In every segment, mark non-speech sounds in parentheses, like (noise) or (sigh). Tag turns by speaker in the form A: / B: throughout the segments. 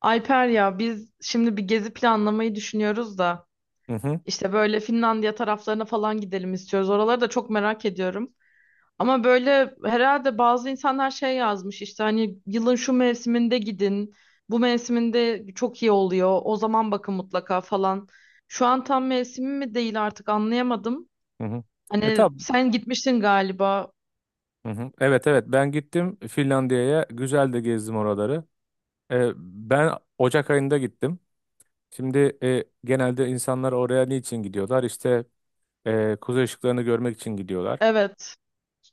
A: Alper ya biz şimdi bir gezi planlamayı düşünüyoruz da
B: Hı hı,
A: işte böyle Finlandiya taraflarına falan gidelim istiyoruz. Oraları da çok merak ediyorum. Ama böyle herhalde bazı insanlar şey yazmış işte hani yılın şu mevsiminde gidin. Bu mevsiminde çok iyi oluyor. O zaman bakın mutlaka falan. Şu an tam mevsimi mi değil artık anlayamadım.
B: hı hı. E
A: Hani
B: tab
A: sen gitmiştin galiba.
B: hı hı. Evet evet ben gittim Finlandiya'ya güzel de gezdim oraları. Ben Ocak ayında gittim. Şimdi genelde insanlar oraya niçin gidiyorlar? İşte kuzey ışıklarını görmek için gidiyorlar.
A: Evet.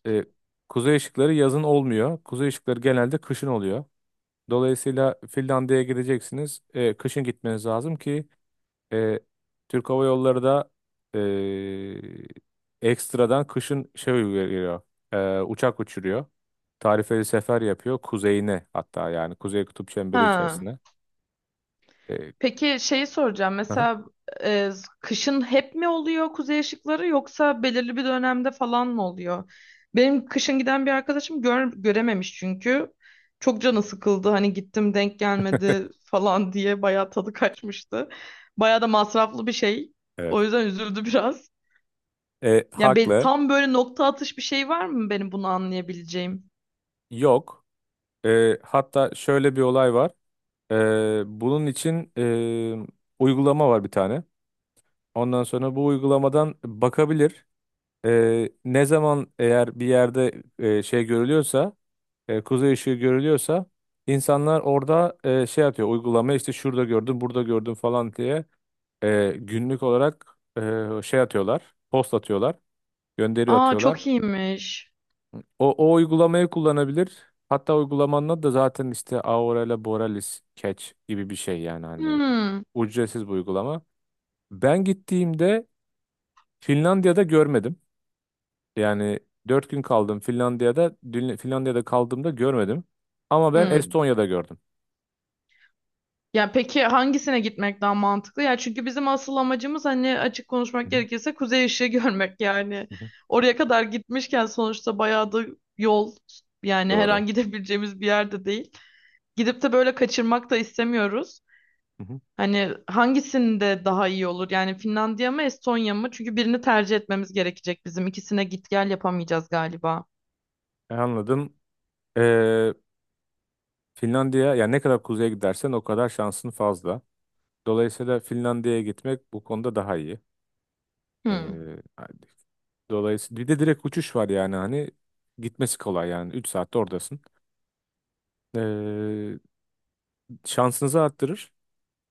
B: E, Kuzey ışıkları yazın olmuyor. Kuzey ışıkları genelde kışın oluyor. Dolayısıyla Finlandiya'ya gideceksiniz. Kışın gitmeniz lazım ki e, Türk Hava Yolları da ekstradan kışın şey uyguluyor. Uçak uçuruyor. Tarifeli sefer yapıyor kuzeyine hatta yani kuzey kutup çemberi
A: Ha.
B: içerisine. E,
A: Peki şeyi soracağım.
B: aha,
A: Mesela e, kışın hep mi oluyor kuzey ışıkları yoksa belirli bir dönemde falan mı oluyor? Benim kışın giden bir arkadaşım görememiş çünkü. Çok canı sıkıldı. Hani gittim denk gelmedi falan (laughs) diye bayağı tadı kaçmıştı. Bayağı da masraflı bir şey.
B: evet.
A: O yüzden üzüldü biraz.
B: E,
A: Yani
B: haklı.
A: tam böyle nokta atış bir şey var mı benim bunu anlayabileceğim?
B: Yok. Hatta şöyle bir olay var. Bunun için uygulama var bir tane. Ondan sonra bu uygulamadan bakabilir. Ne zaman eğer bir yerde şey görülüyorsa kuzey ışığı görülüyorsa insanlar orada şey atıyor uygulama işte şurada gördüm burada gördüm falan diye günlük olarak şey atıyorlar post atıyorlar gönderi
A: Aa
B: atıyorlar.
A: çok iyiymiş.
B: O uygulamayı kullanabilir. Hatta uygulamanın adı da zaten işte Aurela Borealis Catch gibi bir şey yani hani
A: Hmm.
B: ücretsiz bir uygulama. Ben gittiğimde Finlandiya'da görmedim. Yani 4 gün kaldım Finlandiya'da. Finlandiya'da kaldığımda görmedim. Ama ben
A: Hmm.
B: Estonya'da gördüm.
A: Ya peki hangisine gitmek daha mantıklı? Ya çünkü bizim asıl amacımız hani açık
B: Hı
A: konuşmak
B: hı.
A: gerekirse kuzey ışığı (laughs) görmek yani.
B: Hı hı.
A: Oraya kadar gitmişken sonuçta bayağı da yol yani her
B: Doğru.
A: an gidebileceğimiz bir yerde değil. Gidip de böyle kaçırmak da istemiyoruz.
B: Hı hı.
A: Hani hangisinde daha iyi olur? Yani Finlandiya mı Estonya mı? Çünkü birini tercih etmemiz gerekecek bizim. İkisine git gel yapamayacağız galiba.
B: Anladım. Ee, Finlandiya yani ne kadar kuzeye gidersen o kadar şansın fazla. Dolayısıyla Finlandiya'ya gitmek bu konuda daha iyi. Ee,
A: Hmm,
B: hani dolayısıyla bir de direkt uçuş var yani hani gitmesi kolay yani 3 saatte oradasın. Ee, şansınızı arttırır.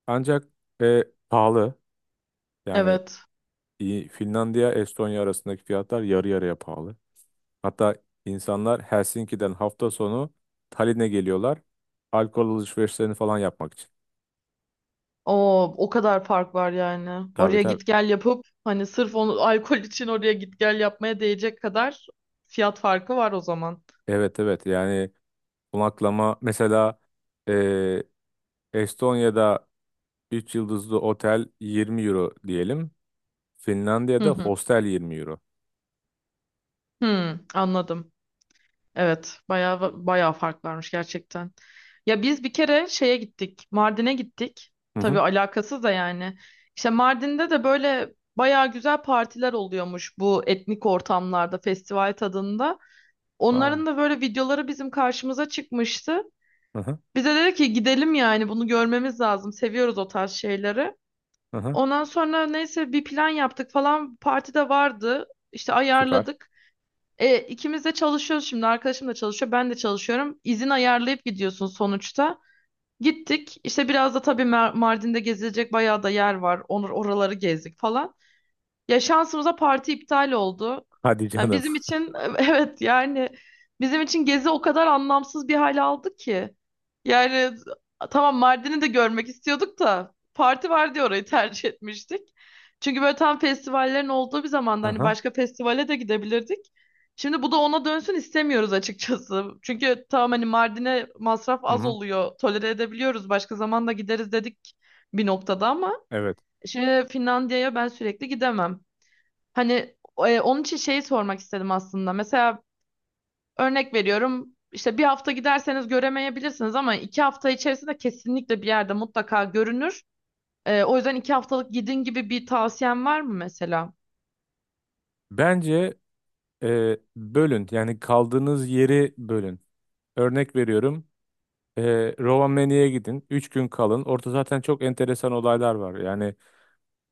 B: Ancak e, pahalı. Yani
A: evet.
B: Finlandiya Estonya arasındaki fiyatlar yarı yarıya pahalı. Hatta insanlar Helsinki'den hafta sonu Tallinn'e geliyorlar. Alkol alışverişlerini falan yapmak için.
A: O o kadar fark var yani.
B: Tabii
A: Oraya
B: tabii.
A: git gel yapıp hani sırf onu alkol için oraya git gel yapmaya değecek kadar fiyat farkı var o zaman.
B: Evet evet yani konaklama mesela eee, Estonya'da 3 yıldızlı otel 20 euro diyelim.
A: Hı
B: Finlandiya'da
A: hı.
B: hostel 20 euro.
A: Hı, anladım. Evet, bayağı bayağı fark varmış gerçekten. Ya biz bir kere şeye gittik. Mardin'e gittik.
B: Hı
A: Tabii
B: hı.
A: alakasız da yani. İşte Mardin'de de böyle bayağı güzel partiler oluyormuş bu etnik ortamlarda, festival tadında.
B: Aa.
A: Onların da böyle videoları bizim karşımıza çıkmıştı.
B: Hı hı.
A: Bize dedi ki gidelim yani bunu görmemiz lazım. Seviyoruz o tarz şeyleri.
B: Hı hı.
A: Ondan sonra neyse bir plan yaptık falan. Parti de vardı. İşte
B: Süper.
A: ayarladık. İkimiz de çalışıyoruz şimdi. Arkadaşım da çalışıyor. Ben de çalışıyorum. İzin ayarlayıp gidiyorsun sonuçta. Gittik. İşte biraz da tabii Mardin'de gezilecek bayağı da yer var. Onur oraları gezdik falan. Ya şansımıza parti iptal oldu.
B: (laughs) Hadi
A: Yani
B: canım.
A: bizim için (laughs) evet yani bizim için gezi o kadar anlamsız bir hal aldı ki. Yani tamam Mardin'i de görmek istiyorduk da parti var diye orayı tercih etmiştik. Çünkü böyle tam festivallerin olduğu bir
B: Hı
A: zamanda hani
B: hı.
A: başka festivale de gidebilirdik. Şimdi bu da ona dönsün istemiyoruz açıkçası. Çünkü tamam hani Mardin'e masraf
B: Hı
A: az
B: hı.
A: oluyor. Tolere edebiliyoruz. Başka zaman da gideriz dedik bir noktada ama
B: Evet.
A: şimdi Finlandiya'ya ben sürekli gidemem. Hani onun için şeyi sormak istedim aslında. Mesela örnek veriyorum işte 1 hafta giderseniz göremeyebilirsiniz ama 2 hafta içerisinde kesinlikle bir yerde mutlaka görünür. O yüzden 2 haftalık gidin gibi bir tavsiyen var mı mesela?
B: Bence bölün yani kaldığınız yeri bölün. Örnek veriyorum. Rovaniemi'ye gidin. 3 gün kalın. Orada zaten çok enteresan olaylar var. Yani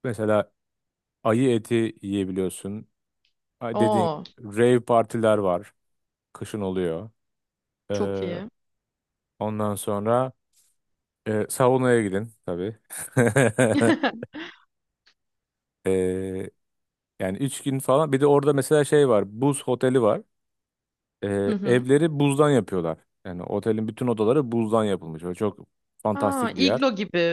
B: mesela ayı eti yiyebiliyorsun. Ay, dediğin
A: Oo,
B: rave partiler var. Kışın oluyor.
A: çok
B: Ee,
A: iyi.
B: ondan sonra saunaya gidin tabii. (laughs)
A: (laughs)
B: Ee, yani 3 gün falan. Bir de orada mesela şey var. Buz oteli var.
A: Hı
B: Ee,
A: hı.
B: evleri buzdan yapıyorlar. Yani otelin bütün odaları buzdan yapılmış. Böyle çok
A: Aa,
B: fantastik bir yer.
A: iglo gibi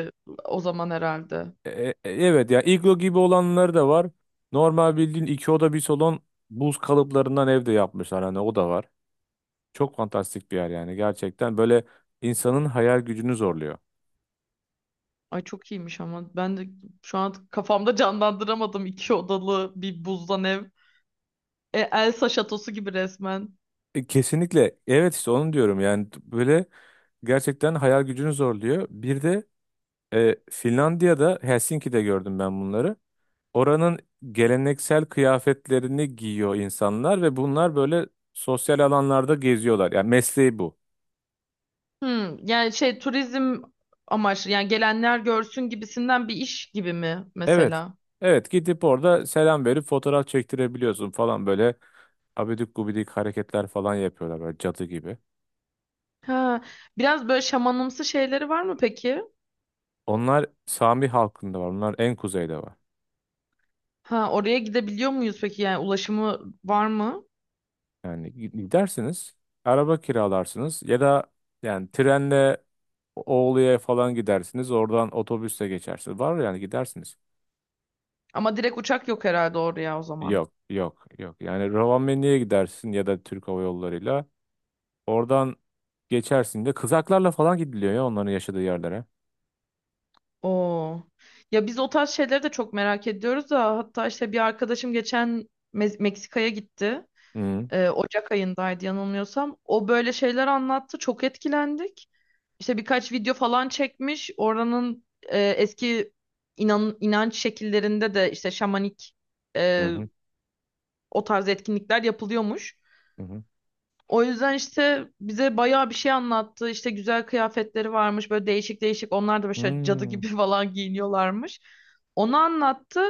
A: o zaman herhalde.
B: Evet ya iglo gibi olanları da var. Normal bildiğin iki oda bir salon buz kalıplarından evde yapmışlar. Hani o da var. Çok fantastik bir yer yani gerçekten böyle insanın hayal gücünü zorluyor.
A: Ay çok iyiymiş ama ben de şu an kafamda canlandıramadım 2 odalı bir buzdan ev. Elsa şatosu gibi resmen.
B: Kesinlikle evet işte onu diyorum yani böyle gerçekten hayal gücünü zorluyor. Bir de Finlandiya'da Helsinki'de gördüm ben bunları. Oranın geleneksel kıyafetlerini giyiyor insanlar ve bunlar böyle sosyal alanlarda geziyorlar. Yani mesleği bu.
A: Hmm, yani şey turizm amaçlı yani gelenler görsün gibisinden bir iş gibi mi
B: Evet.
A: mesela?
B: Evet gidip orada selam verip fotoğraf çektirebiliyorsun falan böyle abidik gubidik hareketler falan yapıyorlar böyle cadı gibi.
A: Ha, biraz böyle şamanımsı şeyleri var mı peki?
B: Onlar Sami halkında var. Onlar en kuzeyde var.
A: Ha, oraya gidebiliyor muyuz peki yani ulaşımı var mı?
B: Yani gidersiniz, araba kiralarsınız ya da yani trenle Oğlu'ya falan gidersiniz. Oradan otobüsle geçersiniz. Var yani gidersiniz.
A: Ama direkt uçak yok herhalde oraya o zaman.
B: Yok, yok, yok. Yani Rovaniemi'ye gidersin ya da Türk Hava Yolları'yla. Oradan geçersin de kızaklarla falan gidiliyor ya onların yaşadığı yerlere.
A: Oo. Ya biz o tarz şeyleri de çok merak ediyoruz da hatta işte bir arkadaşım geçen Meksika'ya gitti.
B: Hı
A: Ocak ayındaydı yanılmıyorsam. O böyle şeyler anlattı. Çok etkilendik. İşte birkaç video falan çekmiş. Oranın eski inanç şekillerinde de işte şamanik
B: hı,
A: e,
B: hı hı.
A: o tarz etkinlikler yapılıyormuş.
B: Hı hı.
A: O yüzden işte bize bayağı bir şey anlattı. İşte güzel kıyafetleri varmış böyle değişik değişik. Onlar da böyle şöyle cadı
B: Hmm,
A: gibi (laughs) falan giyiniyorlarmış. Onu anlattı.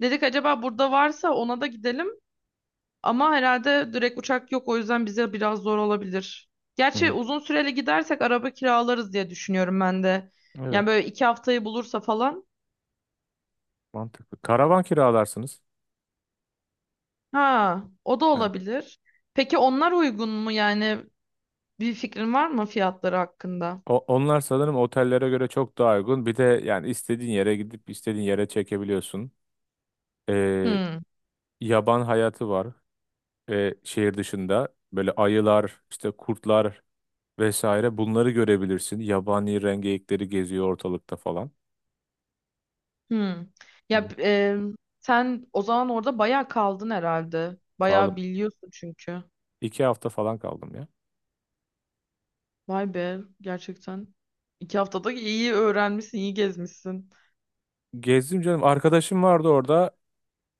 A: Dedik acaba burada varsa ona da gidelim. Ama herhalde direkt uçak yok o yüzden bize biraz zor olabilir. Gerçi
B: hı.
A: uzun süreli gidersek araba kiralarız diye düşünüyorum ben de.
B: Evet,
A: Yani böyle 2 haftayı bulursa falan.
B: mantıklı. Karavan kiralarsınız.
A: Ha, o da
B: Heh.
A: olabilir. Peki onlar uygun mu yani bir fikrin var mı fiyatları hakkında?
B: Onlar sanırım otellere göre çok daha uygun. Bir de yani istediğin yere gidip istediğin yere çekebiliyorsun. Ee,
A: Hmm,
B: yaban hayatı var şehir dışında. Böyle ayılar, işte kurtlar vesaire bunları görebilirsin. Yabani rengeyikleri geziyor ortalıkta falan.
A: hmm.
B: Hı
A: Ya
B: hı.
A: sen o zaman orada bayağı kaldın herhalde. Bayağı
B: Kaldım.
A: biliyorsun çünkü.
B: 2 hafta falan kaldım ya.
A: Vay be gerçekten. 2 haftada iyi öğrenmişsin, iyi gezmişsin.
B: Gezdim canım. Arkadaşım vardı orada.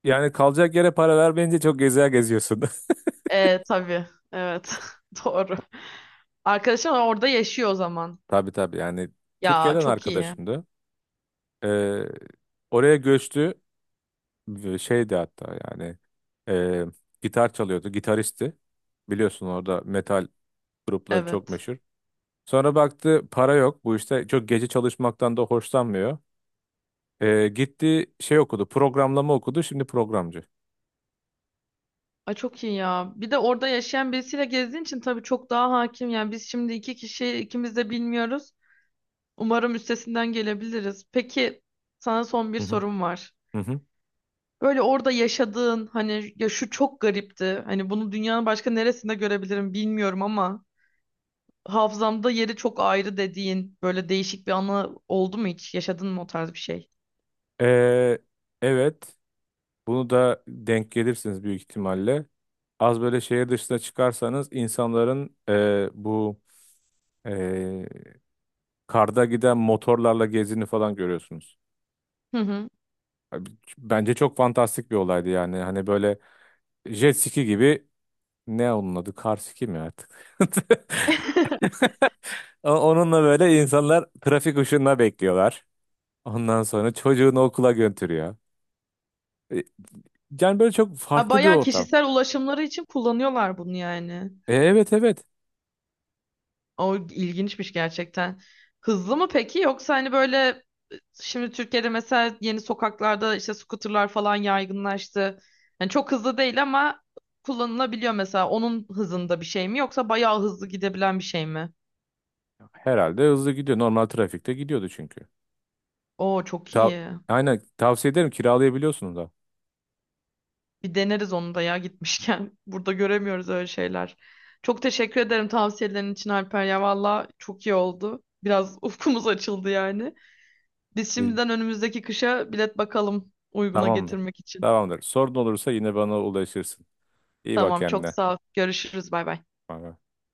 B: Yani kalacak yere para vermeyince çok gezer geziyorsun.
A: Tabii. Evet. (laughs) Doğru. Arkadaşın orada yaşıyor o zaman.
B: (laughs) Tabii tabii yani
A: Ya
B: Türkiye'den
A: çok iyi.
B: arkadaşımdı. Ee, oraya göçtü. Ve şeydi hatta yani e, gitar çalıyordu. Gitaristi. Biliyorsun orada metal grupları çok
A: Evet.
B: meşhur. Sonra baktı para yok. Bu işte çok gece çalışmaktan da hoşlanmıyor. Gitti şey okudu. Programlama okudu. Şimdi programcı.
A: Ay çok iyi ya. Bir de orada yaşayan birisiyle gezdiğin için tabii çok daha hakim. Yani biz şimdi iki kişi ikimiz de bilmiyoruz. Umarım üstesinden gelebiliriz. Peki sana son bir
B: Hı hı.
A: sorum var.
B: Hı hı.
A: Böyle orada yaşadığın hani ya şu çok garipti. Hani bunu dünyanın başka neresinde görebilirim bilmiyorum ama hafızamda yeri çok ayrı dediğin böyle değişik bir anı oldu mu hiç? Yaşadın mı o tarz bir şey?
B: E, evet. Bunu da denk gelirsiniz büyük ihtimalle. Az böyle şehir dışına çıkarsanız insanların bu e, karda giden motorlarla gezini falan görüyorsunuz.
A: Hı hı.
B: Abi, bence çok fantastik bir olaydı yani. Hani böyle jet ski gibi ne onun adı? Kar ski mi artık? (laughs)
A: (laughs)
B: Onunla böyle insanlar trafik ışığında bekliyorlar. Ondan sonra çocuğunu okula götürüyor. E, Yani böyle çok
A: Ha,
B: farklı bir
A: bayağı
B: ortam.
A: kişisel ulaşımları için kullanıyorlar bunu yani.
B: Evet evet.
A: O ilginçmiş gerçekten. Hızlı mı peki yoksa hani böyle şimdi Türkiye'de mesela yeni sokaklarda işte scooterlar falan yaygınlaştı. Yani çok hızlı değil ama kullanılabiliyor mesela. Onun hızında bir şey mi yoksa bayağı hızlı gidebilen bir şey mi?
B: Herhalde hızlı gidiyor. Normal trafikte gidiyordu çünkü.
A: Oo çok
B: Ta
A: iyi.
B: Aynen tavsiye ederim kiralayabiliyorsunuz da.
A: Bir deneriz onu da ya gitmişken. (laughs) Burada göremiyoruz öyle şeyler. Çok teşekkür ederim tavsiyelerin için Alper ya. Valla çok iyi oldu. Biraz (laughs) ufkumuz açıldı yani. Biz
B: E,
A: şimdiden önümüzdeki kışa bilet bakalım uyguna
B: Tamamdır.
A: getirmek için.
B: Tamamdır. Sorun olursa yine bana ulaşırsın. İyi bak
A: Tamam çok
B: kendine.
A: sağ ol. Görüşürüz bay bay.
B: Bay bay.